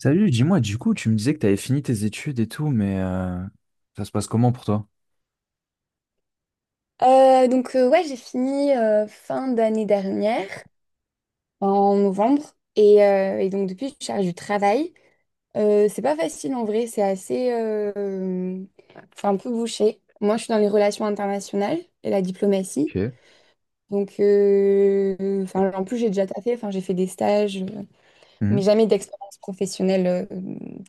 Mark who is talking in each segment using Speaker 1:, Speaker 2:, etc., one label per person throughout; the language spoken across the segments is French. Speaker 1: Salut, dis-moi, du coup, tu me disais que tu avais fini tes études et tout, mais ça se passe comment pour toi?
Speaker 2: Ouais, j'ai fini fin d'année dernière, en novembre, et donc depuis, je cherche du travail. C'est pas facile en vrai, c'est enfin, un peu bouché. Moi, je suis dans les relations internationales et la diplomatie.
Speaker 1: Ok.
Speaker 2: Enfin, en plus, j'ai déjà taffé, enfin, j'ai fait des stages, mais
Speaker 1: Mhm.
Speaker 2: jamais d'expérience professionnelle,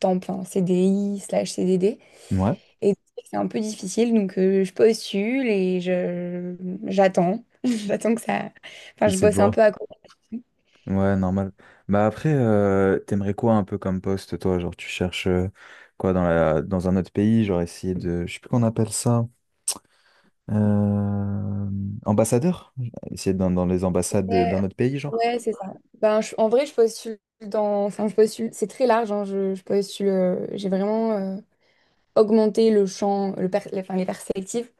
Speaker 2: temps plein, CDI slash CDD.
Speaker 1: Ouais,
Speaker 2: Et c'est un peu difficile, je postule et je j'attends. J'attends que ça. Enfin, je
Speaker 1: essaie de
Speaker 2: bosse un
Speaker 1: voir.
Speaker 2: peu à côté.
Speaker 1: Ouais, normal. Bah après, t'aimerais quoi un peu comme poste, toi? Genre, tu cherches quoi dans un autre pays? Genre, essayer de, je sais plus qu'on appelle ça, euh, ambassadeur? Essayer d'être dans les
Speaker 2: Ouais,
Speaker 1: d'un autre pays, genre?
Speaker 2: ouais, c'est ça. En vrai, je postule dans. Enfin, je postule. C'est très large, je postule. J'ai vraiment augmenté le champ, enfin, les perspectives,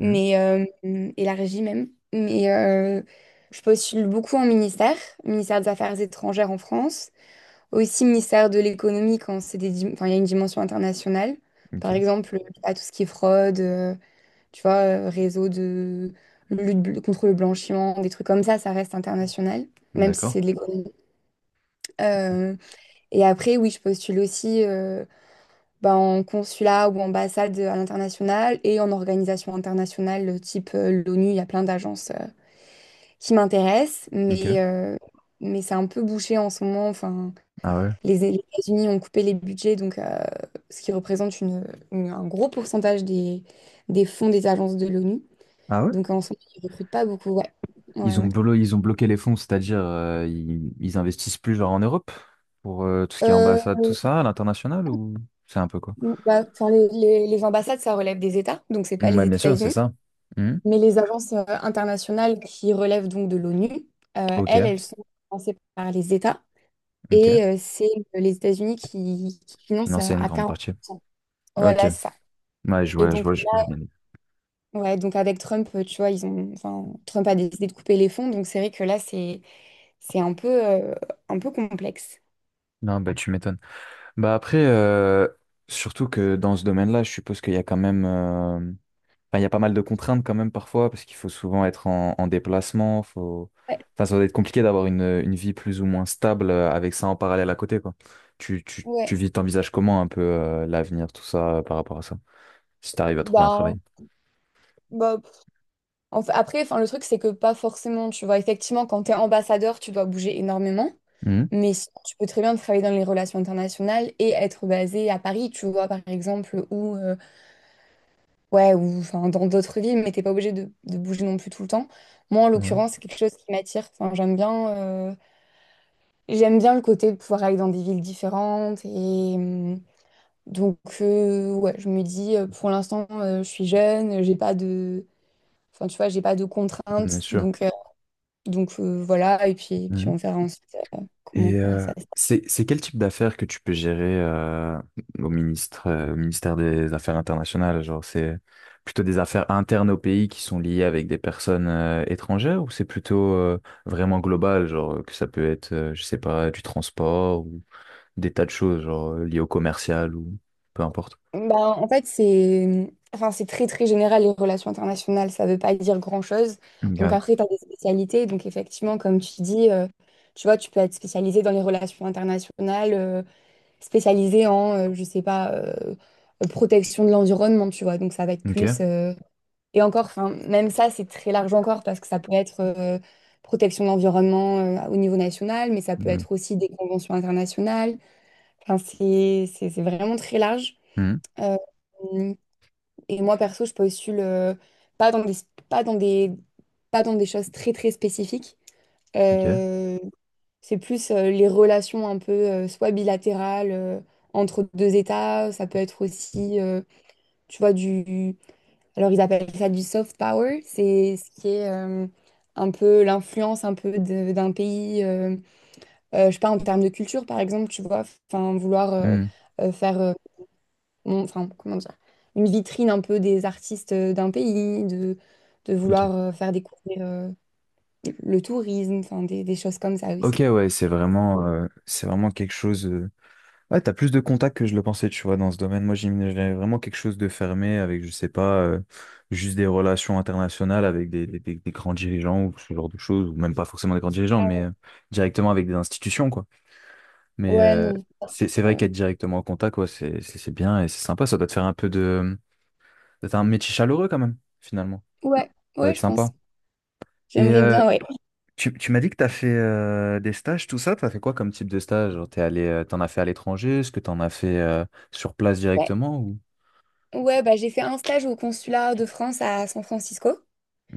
Speaker 1: Mhm.
Speaker 2: mais euh, et la régie même. Je postule beaucoup en ministère, ministère des Affaires étrangères en France. Aussi ministère de l'économie quand c'est enfin, il y a une dimension internationale.
Speaker 1: Ok,
Speaker 2: Par exemple, à tout ce qui est fraude, tu vois, réseau de lutte contre le blanchiment, des trucs comme ça reste international, même si
Speaker 1: d'accord.
Speaker 2: c'est de l'économie. Euh, et après, oui, je postule aussi, bah, en consulat ou ambassade à l'international et en organisation internationale type l'ONU. Il y a plein d'agences qui m'intéressent,
Speaker 1: Ok.
Speaker 2: mais c'est un peu bouché en ce moment. Enfin,
Speaker 1: Ah ouais.
Speaker 2: Les États-Unis ont coupé les budgets, ce qui représente un gros pourcentage des fonds des agences de l'ONU.
Speaker 1: Ah ouais?
Speaker 2: Donc en ce moment, ils ne recrutent pas beaucoup. Ouais. Ouais, ouais.
Speaker 1: Ils ont bloqué les fonds, c'est-à-dire ils investissent plus genre en Europe pour tout ce qui est
Speaker 2: Euh,
Speaker 1: ambassade, tout ça, à l'international ou c'est un peu quoi?
Speaker 2: bah, enfin, les, les ambassades, ça relève des États, donc c'est pas
Speaker 1: Mm,
Speaker 2: les
Speaker 1: ouais, bien sûr, c'est
Speaker 2: États-Unis.
Speaker 1: ça. Mhm.
Speaker 2: Mais les agences internationales qui relèvent donc de l'ONU,
Speaker 1: Ok,
Speaker 2: elles, elles sont financées par les États.
Speaker 1: ok.
Speaker 2: C'est les États-Unis qui financent
Speaker 1: Financer
Speaker 2: à
Speaker 1: une
Speaker 2: à
Speaker 1: grande partie.
Speaker 2: 40%.
Speaker 1: Ok.
Speaker 2: Voilà, c'est ça.
Speaker 1: Ouais, je
Speaker 2: Et
Speaker 1: vois, je
Speaker 2: donc,
Speaker 1: vois, je vois bien.
Speaker 2: ouais, donc avec Trump, tu vois, ils ont, enfin, Trump a décidé de couper les fonds, donc c'est vrai que là, c'est un peu, un peu complexe.
Speaker 1: Non, bah tu m'étonnes. Bah après, surtout que dans ce domaine-là, je suppose qu'il y a quand même. Enfin, il y a pas mal de contraintes quand même parfois, parce qu'il faut souvent être en déplacement. Faut...
Speaker 2: Ouais,
Speaker 1: Enfin, ça doit être compliqué d'avoir une vie plus ou moins stable avec ça en parallèle à côté, quoi.
Speaker 2: ouais.
Speaker 1: Tu vis, t'envisages comment un peu l'avenir, tout ça, par rapport à ça, si t'arrives à trouver un
Speaker 2: Bah,
Speaker 1: travail.
Speaker 2: bah, pff. En fait, après, enfin, le truc, c'est que pas forcément, tu vois, effectivement, quand tu es ambassadeur, tu dois bouger énormément,
Speaker 1: Mhm.
Speaker 2: mais sinon, tu peux très bien travailler dans les relations internationales et être basé à Paris, tu vois, par exemple, ou, ouais, ou enfin, dans d'autres villes, mais t'es pas obligé de bouger non plus tout le temps. Moi, en
Speaker 1: Ouais,
Speaker 2: l'occurrence, c'est quelque chose qui m'attire. Enfin, j'aime bien. J'aime bien le côté de pouvoir aller dans des villes différentes. Ouais, je me dis, pour l'instant, je suis jeune, j'ai pas de, enfin, tu vois, j'ai pas de
Speaker 1: bien
Speaker 2: contraintes.
Speaker 1: sûr.
Speaker 2: Voilà. Et puis, puis
Speaker 1: Mhm.
Speaker 2: on verra ensuite comment
Speaker 1: Et
Speaker 2: ça,
Speaker 1: euh,
Speaker 2: ça se passe.
Speaker 1: c'est quel type d'affaires que tu peux gérer au ministre au ministère des Affaires internationales? Genre c'est plutôt des affaires internes au pays qui sont liées avec des personnes étrangères ou c'est plutôt vraiment global, genre que ça peut être je sais pas du transport ou des tas de choses genre liées au commercial ou peu importe.
Speaker 2: Bah, en fait, enfin, c'est très, très général, les relations internationales. Ça veut pas dire grand-chose. Donc,
Speaker 1: Ok.
Speaker 2: après, tu as des spécialités. Donc, effectivement, comme tu dis, tu vois, tu peux être spécialisé dans les relations internationales. Spécialisé en, je sais pas, protection de l'environnement, tu vois. Donc ça va être
Speaker 1: Ok.
Speaker 2: plus. Et encore, enfin, même ça, c'est très large encore parce que ça peut être protection de l'environnement au niveau national, mais ça peut
Speaker 1: Mm.
Speaker 2: être aussi des conventions internationales. Enfin, c'est vraiment très large.
Speaker 1: Mm.
Speaker 2: Euh, et moi, perso, je postule pas dans des, pas dans des, pas dans des choses très, très spécifiques.
Speaker 1: Ok.
Speaker 2: Euh, c'est plus les relations un peu soit bilatérales entre deux États, ça peut être aussi, tu vois, du... Alors ils appellent ça du soft power, c'est ce qui est un peu l'influence un peu d'un pays, je sais pas, en termes de culture par exemple, tu vois, enfin
Speaker 1: Mm.
Speaker 2: euh, faire, euh, enfin comment dire, une vitrine un peu des artistes d'un pays, de
Speaker 1: Ok.
Speaker 2: vouloir faire découvrir le tourisme, enfin des choses comme ça
Speaker 1: Ok,
Speaker 2: aussi.
Speaker 1: ouais, c'est vraiment quelque chose. Ouais, t'as plus de contacts que je le pensais, tu vois, dans ce domaine. Moi, j'imaginais vraiment quelque chose de fermé avec, je sais pas, juste des relations internationales avec des grands dirigeants ou ce genre de choses, ou même pas forcément des grands dirigeants,
Speaker 2: Ah
Speaker 1: mais
Speaker 2: ouais,
Speaker 1: euh, directement avec des institutions, quoi. Mais
Speaker 2: ouais,
Speaker 1: euh,
Speaker 2: non.
Speaker 1: c'est vrai
Speaker 2: Euh,
Speaker 1: qu'être directement en contact, ouais, c'est bien et c'est sympa. Ça doit te faire un peu de... D'être un métier chaleureux, quand même, finalement.
Speaker 2: ouais,
Speaker 1: Ça va
Speaker 2: ouais,
Speaker 1: être
Speaker 2: je pense.
Speaker 1: sympa. Et
Speaker 2: J'aimerais
Speaker 1: euh,
Speaker 2: bien, ouais.
Speaker 1: tu m'as dit que t'as fait des stages, tout ça. T'as fait quoi comme type de stage? Genre, t'es allé, t'en as fait à l'étranger? Est-ce que t'en as fait sur place
Speaker 2: Ouais,
Speaker 1: directement ou...
Speaker 2: ouais bah, j'ai fait un stage au consulat de France à San Francisco.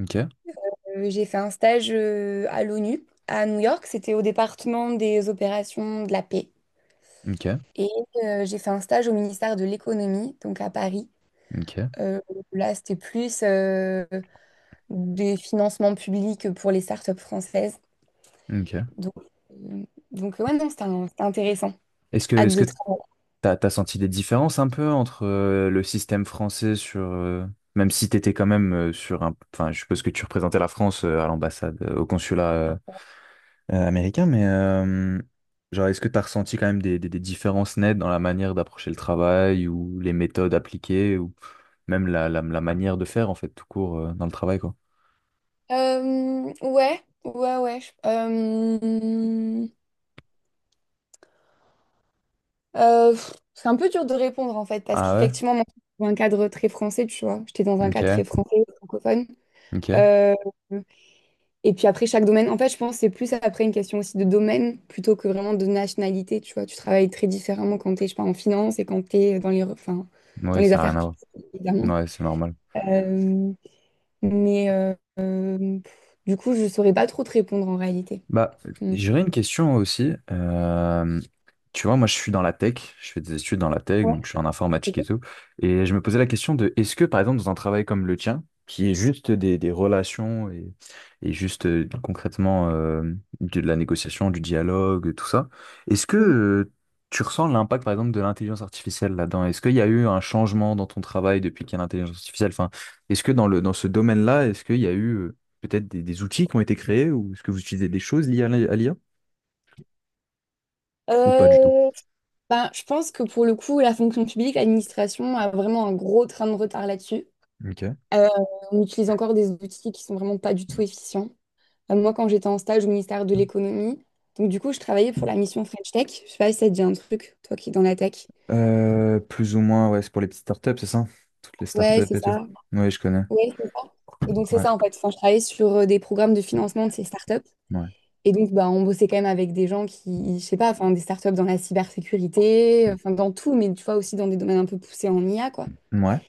Speaker 1: OK,
Speaker 2: J'ai fait un stage à l'ONU, à New York. C'était au département des opérations de la paix.
Speaker 1: OK,
Speaker 2: Et j'ai fait un stage au ministère de l'économie, donc à Paris.
Speaker 1: OK,
Speaker 2: Euh, là, c'était plus des financements publics pour les startups françaises.
Speaker 1: OK.
Speaker 2: Donc, euh, donc ouais, non, c'était intéressant.
Speaker 1: Est-ce que
Speaker 2: Hâte
Speaker 1: est-ce que
Speaker 2: de travailler.
Speaker 1: t'as senti des différences un peu entre le système français sur même si t'étais quand même sur un enfin je suppose que tu représentais la France à l'ambassade au consulat américain mais genre est-ce que t'as ressenti quand même des différences nettes dans la manière d'approcher le travail ou les méthodes appliquées ou même la manière de faire en fait tout court dans le travail quoi.
Speaker 2: Ouais, ouais, ouais. C'est un peu dur de répondre en fait, parce
Speaker 1: Ah ouais?
Speaker 2: qu'effectivement, moi, je suis dans un cadre très français, tu vois. J'étais dans un cadre
Speaker 1: OK,
Speaker 2: très français, francophone.
Speaker 1: OK.
Speaker 2: Euh, et puis après, chaque domaine, en fait, je pense que c'est plus après une question aussi de domaine plutôt que vraiment de nationalité, tu vois. Tu travailles très différemment quand t'es, je sais pas, en finance et quand t'es dans les, enfin, dans
Speaker 1: Ouais,
Speaker 2: les
Speaker 1: ça a rien
Speaker 2: affaires
Speaker 1: à voir.
Speaker 2: publiques, évidemment.
Speaker 1: Ouais, c'est normal.
Speaker 2: Euh, mais euh, du coup, je saurais pas trop te répondre en réalité.
Speaker 1: Bah,
Speaker 2: Mm.
Speaker 1: j'aurais une question aussi. Tu vois, moi, je suis dans la tech, je fais des études dans la tech, donc je suis en informatique et
Speaker 2: Ouais.
Speaker 1: tout. Et je me posais la question de, est-ce que, par exemple, dans un travail comme le tien, qui est juste des relations et et juste concrètement de la négociation, du dialogue, tout ça, est-ce que tu ressens l'impact, par exemple, de l'intelligence artificielle là-dedans? Est-ce qu'il y a eu un changement dans ton travail depuis qu'il y a l'intelligence artificielle? Enfin, est-ce que dans dans ce domaine-là, est-ce qu'il y a eu peut-être des outils qui ont été créés ou est-ce que vous utilisez des choses liées à à ou pas du tout?
Speaker 2: Euh, ben, je pense que pour le coup, la fonction publique, l'administration a vraiment un gros train de retard là-dessus.
Speaker 1: Ok.
Speaker 2: Euh, on utilise encore des outils qui sont vraiment pas du tout efficients. Moi, quand j'étais en stage au ministère de l'économie, donc du coup, je travaillais pour la mission French Tech. Je sais pas si ça te dit un truc, toi qui es dans la tech.
Speaker 1: Plus ou moins, ouais, c'est pour les petites startups, c'est ça? Toutes les startups
Speaker 2: Ouais, c'est
Speaker 1: et tout.
Speaker 2: ça.
Speaker 1: Oui, je connais.
Speaker 2: Ouais, c'est ça. Et donc, c'est
Speaker 1: Ouais,
Speaker 2: ça en fait. Enfin, je travaillais sur des programmes de financement de ces startups.
Speaker 1: ouais.
Speaker 2: Et donc, bah, on bossait quand même avec des gens qui, je sais pas, enfin, des startups dans la cybersécurité, enfin, dans tout, mais tu vois, aussi dans des domaines un peu poussés en IA, quoi.
Speaker 1: Ouais.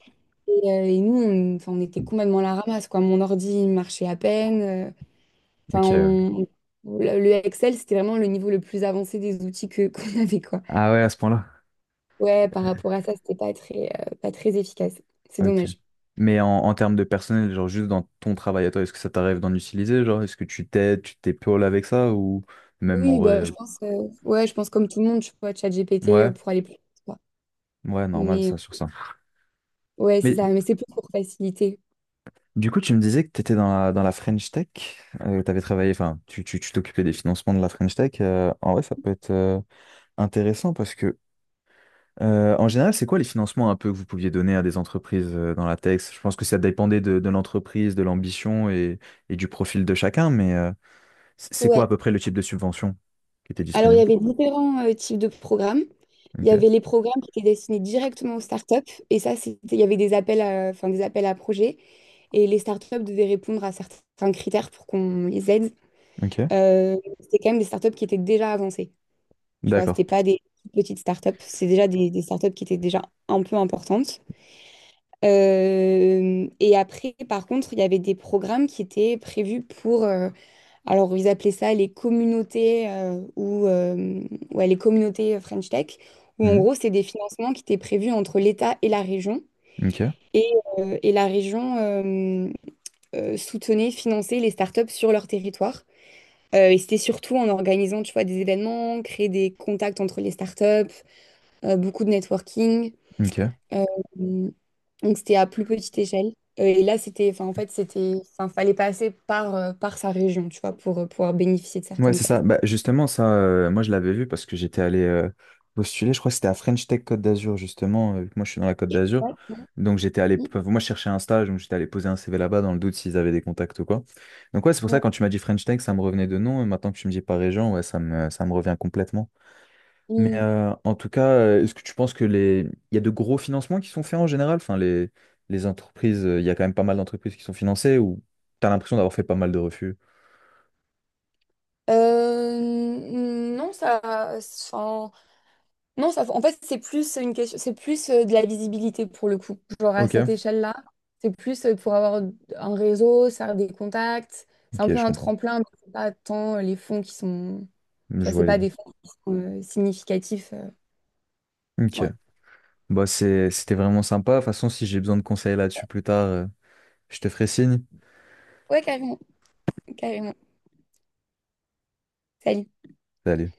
Speaker 2: Et nous, on, enfin, on était complètement à la ramasse, quoi. Mon ordi il marchait à peine. Enfin,
Speaker 1: Ok, ouais.
Speaker 2: le Excel, c'était vraiment le niveau le plus avancé des outils que qu'on avait, quoi.
Speaker 1: Ah ouais, à ce point-là.
Speaker 2: Ouais, par rapport à ça, c'était pas très, pas très efficace. C'est
Speaker 1: Ok.
Speaker 2: dommage.
Speaker 1: Mais en termes de personnel, genre juste dans ton travail à toi, est-ce que ça t'arrive d'en utiliser? Genre, est-ce que tu t'aides, tu t'épaules avec ça ou même en
Speaker 2: Oui,
Speaker 1: vrai?
Speaker 2: bah, je pense, ouais, je pense comme tout le monde, tu vois, ChatGPT
Speaker 1: Ouais,
Speaker 2: pour aller plus vite, quoi.
Speaker 1: ouais, normal
Speaker 2: Mais
Speaker 1: ça
Speaker 2: euh,
Speaker 1: sur ça.
Speaker 2: ouais, c'est
Speaker 1: Mais
Speaker 2: ça. Mais c'est plus pour faciliter.
Speaker 1: du coup, tu me disais que tu étais dans dans la French Tech, tu avais travaillé, enfin, tu t'occupais des financements de la French Tech. En vrai, ça peut être intéressant parce que, en général, c'est quoi les financements un peu que vous pouviez donner à des entreprises dans la tech? Je pense que ça dépendait de l'entreprise, de l'ambition et du profil de chacun, mais c'est quoi à
Speaker 2: Ouais.
Speaker 1: peu près le type de subvention qui était
Speaker 2: Alors, il y
Speaker 1: disponible?
Speaker 2: avait différents types de programmes. Il y avait
Speaker 1: Ok,
Speaker 2: les programmes qui étaient destinés directement aux startups, et ça, c'était, il y avait des appels à, enfin, des appels à projets. Et les startups devaient répondre à certains critères pour qu'on les aide.
Speaker 1: ok,
Speaker 2: C'était quand même des startups qui étaient déjà avancées. Tu vois,
Speaker 1: d'accord.
Speaker 2: c'était pas des petites startups, c'est déjà des startups qui étaient déjà un peu importantes. Et après, par contre, il y avait des programmes qui étaient prévus pour, alors ils appelaient ça les communautés ou ouais, les communautés French Tech, où en
Speaker 1: Mhm,
Speaker 2: gros, c'est des financements qui étaient prévus entre l'État et la région.
Speaker 1: ok,
Speaker 2: Et, et la région soutenait, finançait les startups sur leur territoire. Et c'était surtout en organisant, tu vois, des événements, créer des contacts entre les startups, beaucoup de networking.
Speaker 1: ok.
Speaker 2: Euh, donc c'était à plus petite échelle. Et là, c'était, enfin, en fait, c'était, enfin, fallait passer par, par sa région, tu vois, pour pouvoir bénéficier de
Speaker 1: Ouais,
Speaker 2: certaines
Speaker 1: c'est ça.
Speaker 2: aides.
Speaker 1: Bah, justement, ça, moi, je l'avais vu parce que j'étais allé postuler. Je crois que c'était à French Tech Côte d'Azur, justement. Euh, vu que moi, je suis dans la Côte d'Azur. Donc, j'étais allé.
Speaker 2: Mm,
Speaker 1: Enfin, moi, je cherchais un stage, donc j'étais allé poser un CV là-bas dans le doute s'ils avaient des contacts ou quoi. Donc, ouais, c'est pour ça,
Speaker 2: ouais,
Speaker 1: quand tu m'as dit French Tech, ça me revenait de nom. Et maintenant que tu me dis par région, ouais, ça me revient complètement. Mais
Speaker 2: mm.
Speaker 1: euh, en tout cas, est-ce que tu penses que les... il y a de gros financements qui sont faits en général? Enfin, les entreprises, il y a quand même pas mal d'entreprises qui sont financées ou t'as l'impression d'avoir fait pas mal de refus?
Speaker 2: Euh, non, ça, non, ça, en fait, c'est plus une question, c'est plus de la visibilité pour le coup. Genre à
Speaker 1: Ok,
Speaker 2: cette échelle-là, c'est plus pour avoir un réseau, ça a des contacts. C'est un
Speaker 1: ok,
Speaker 2: peu
Speaker 1: je
Speaker 2: un
Speaker 1: comprends.
Speaker 2: tremplin, mais c'est pas tant les fonds qui sont. Tu vois,
Speaker 1: Je
Speaker 2: c'est
Speaker 1: vois
Speaker 2: pas des fonds qui sont significatifs.
Speaker 1: Ok.
Speaker 2: Ouais.
Speaker 1: Bah, c'était vraiment sympa. De toute façon, si j'ai besoin de conseils là-dessus plus tard, je te ferai signe.
Speaker 2: Ouais, carrément, carrément. Salut.
Speaker 1: Salut.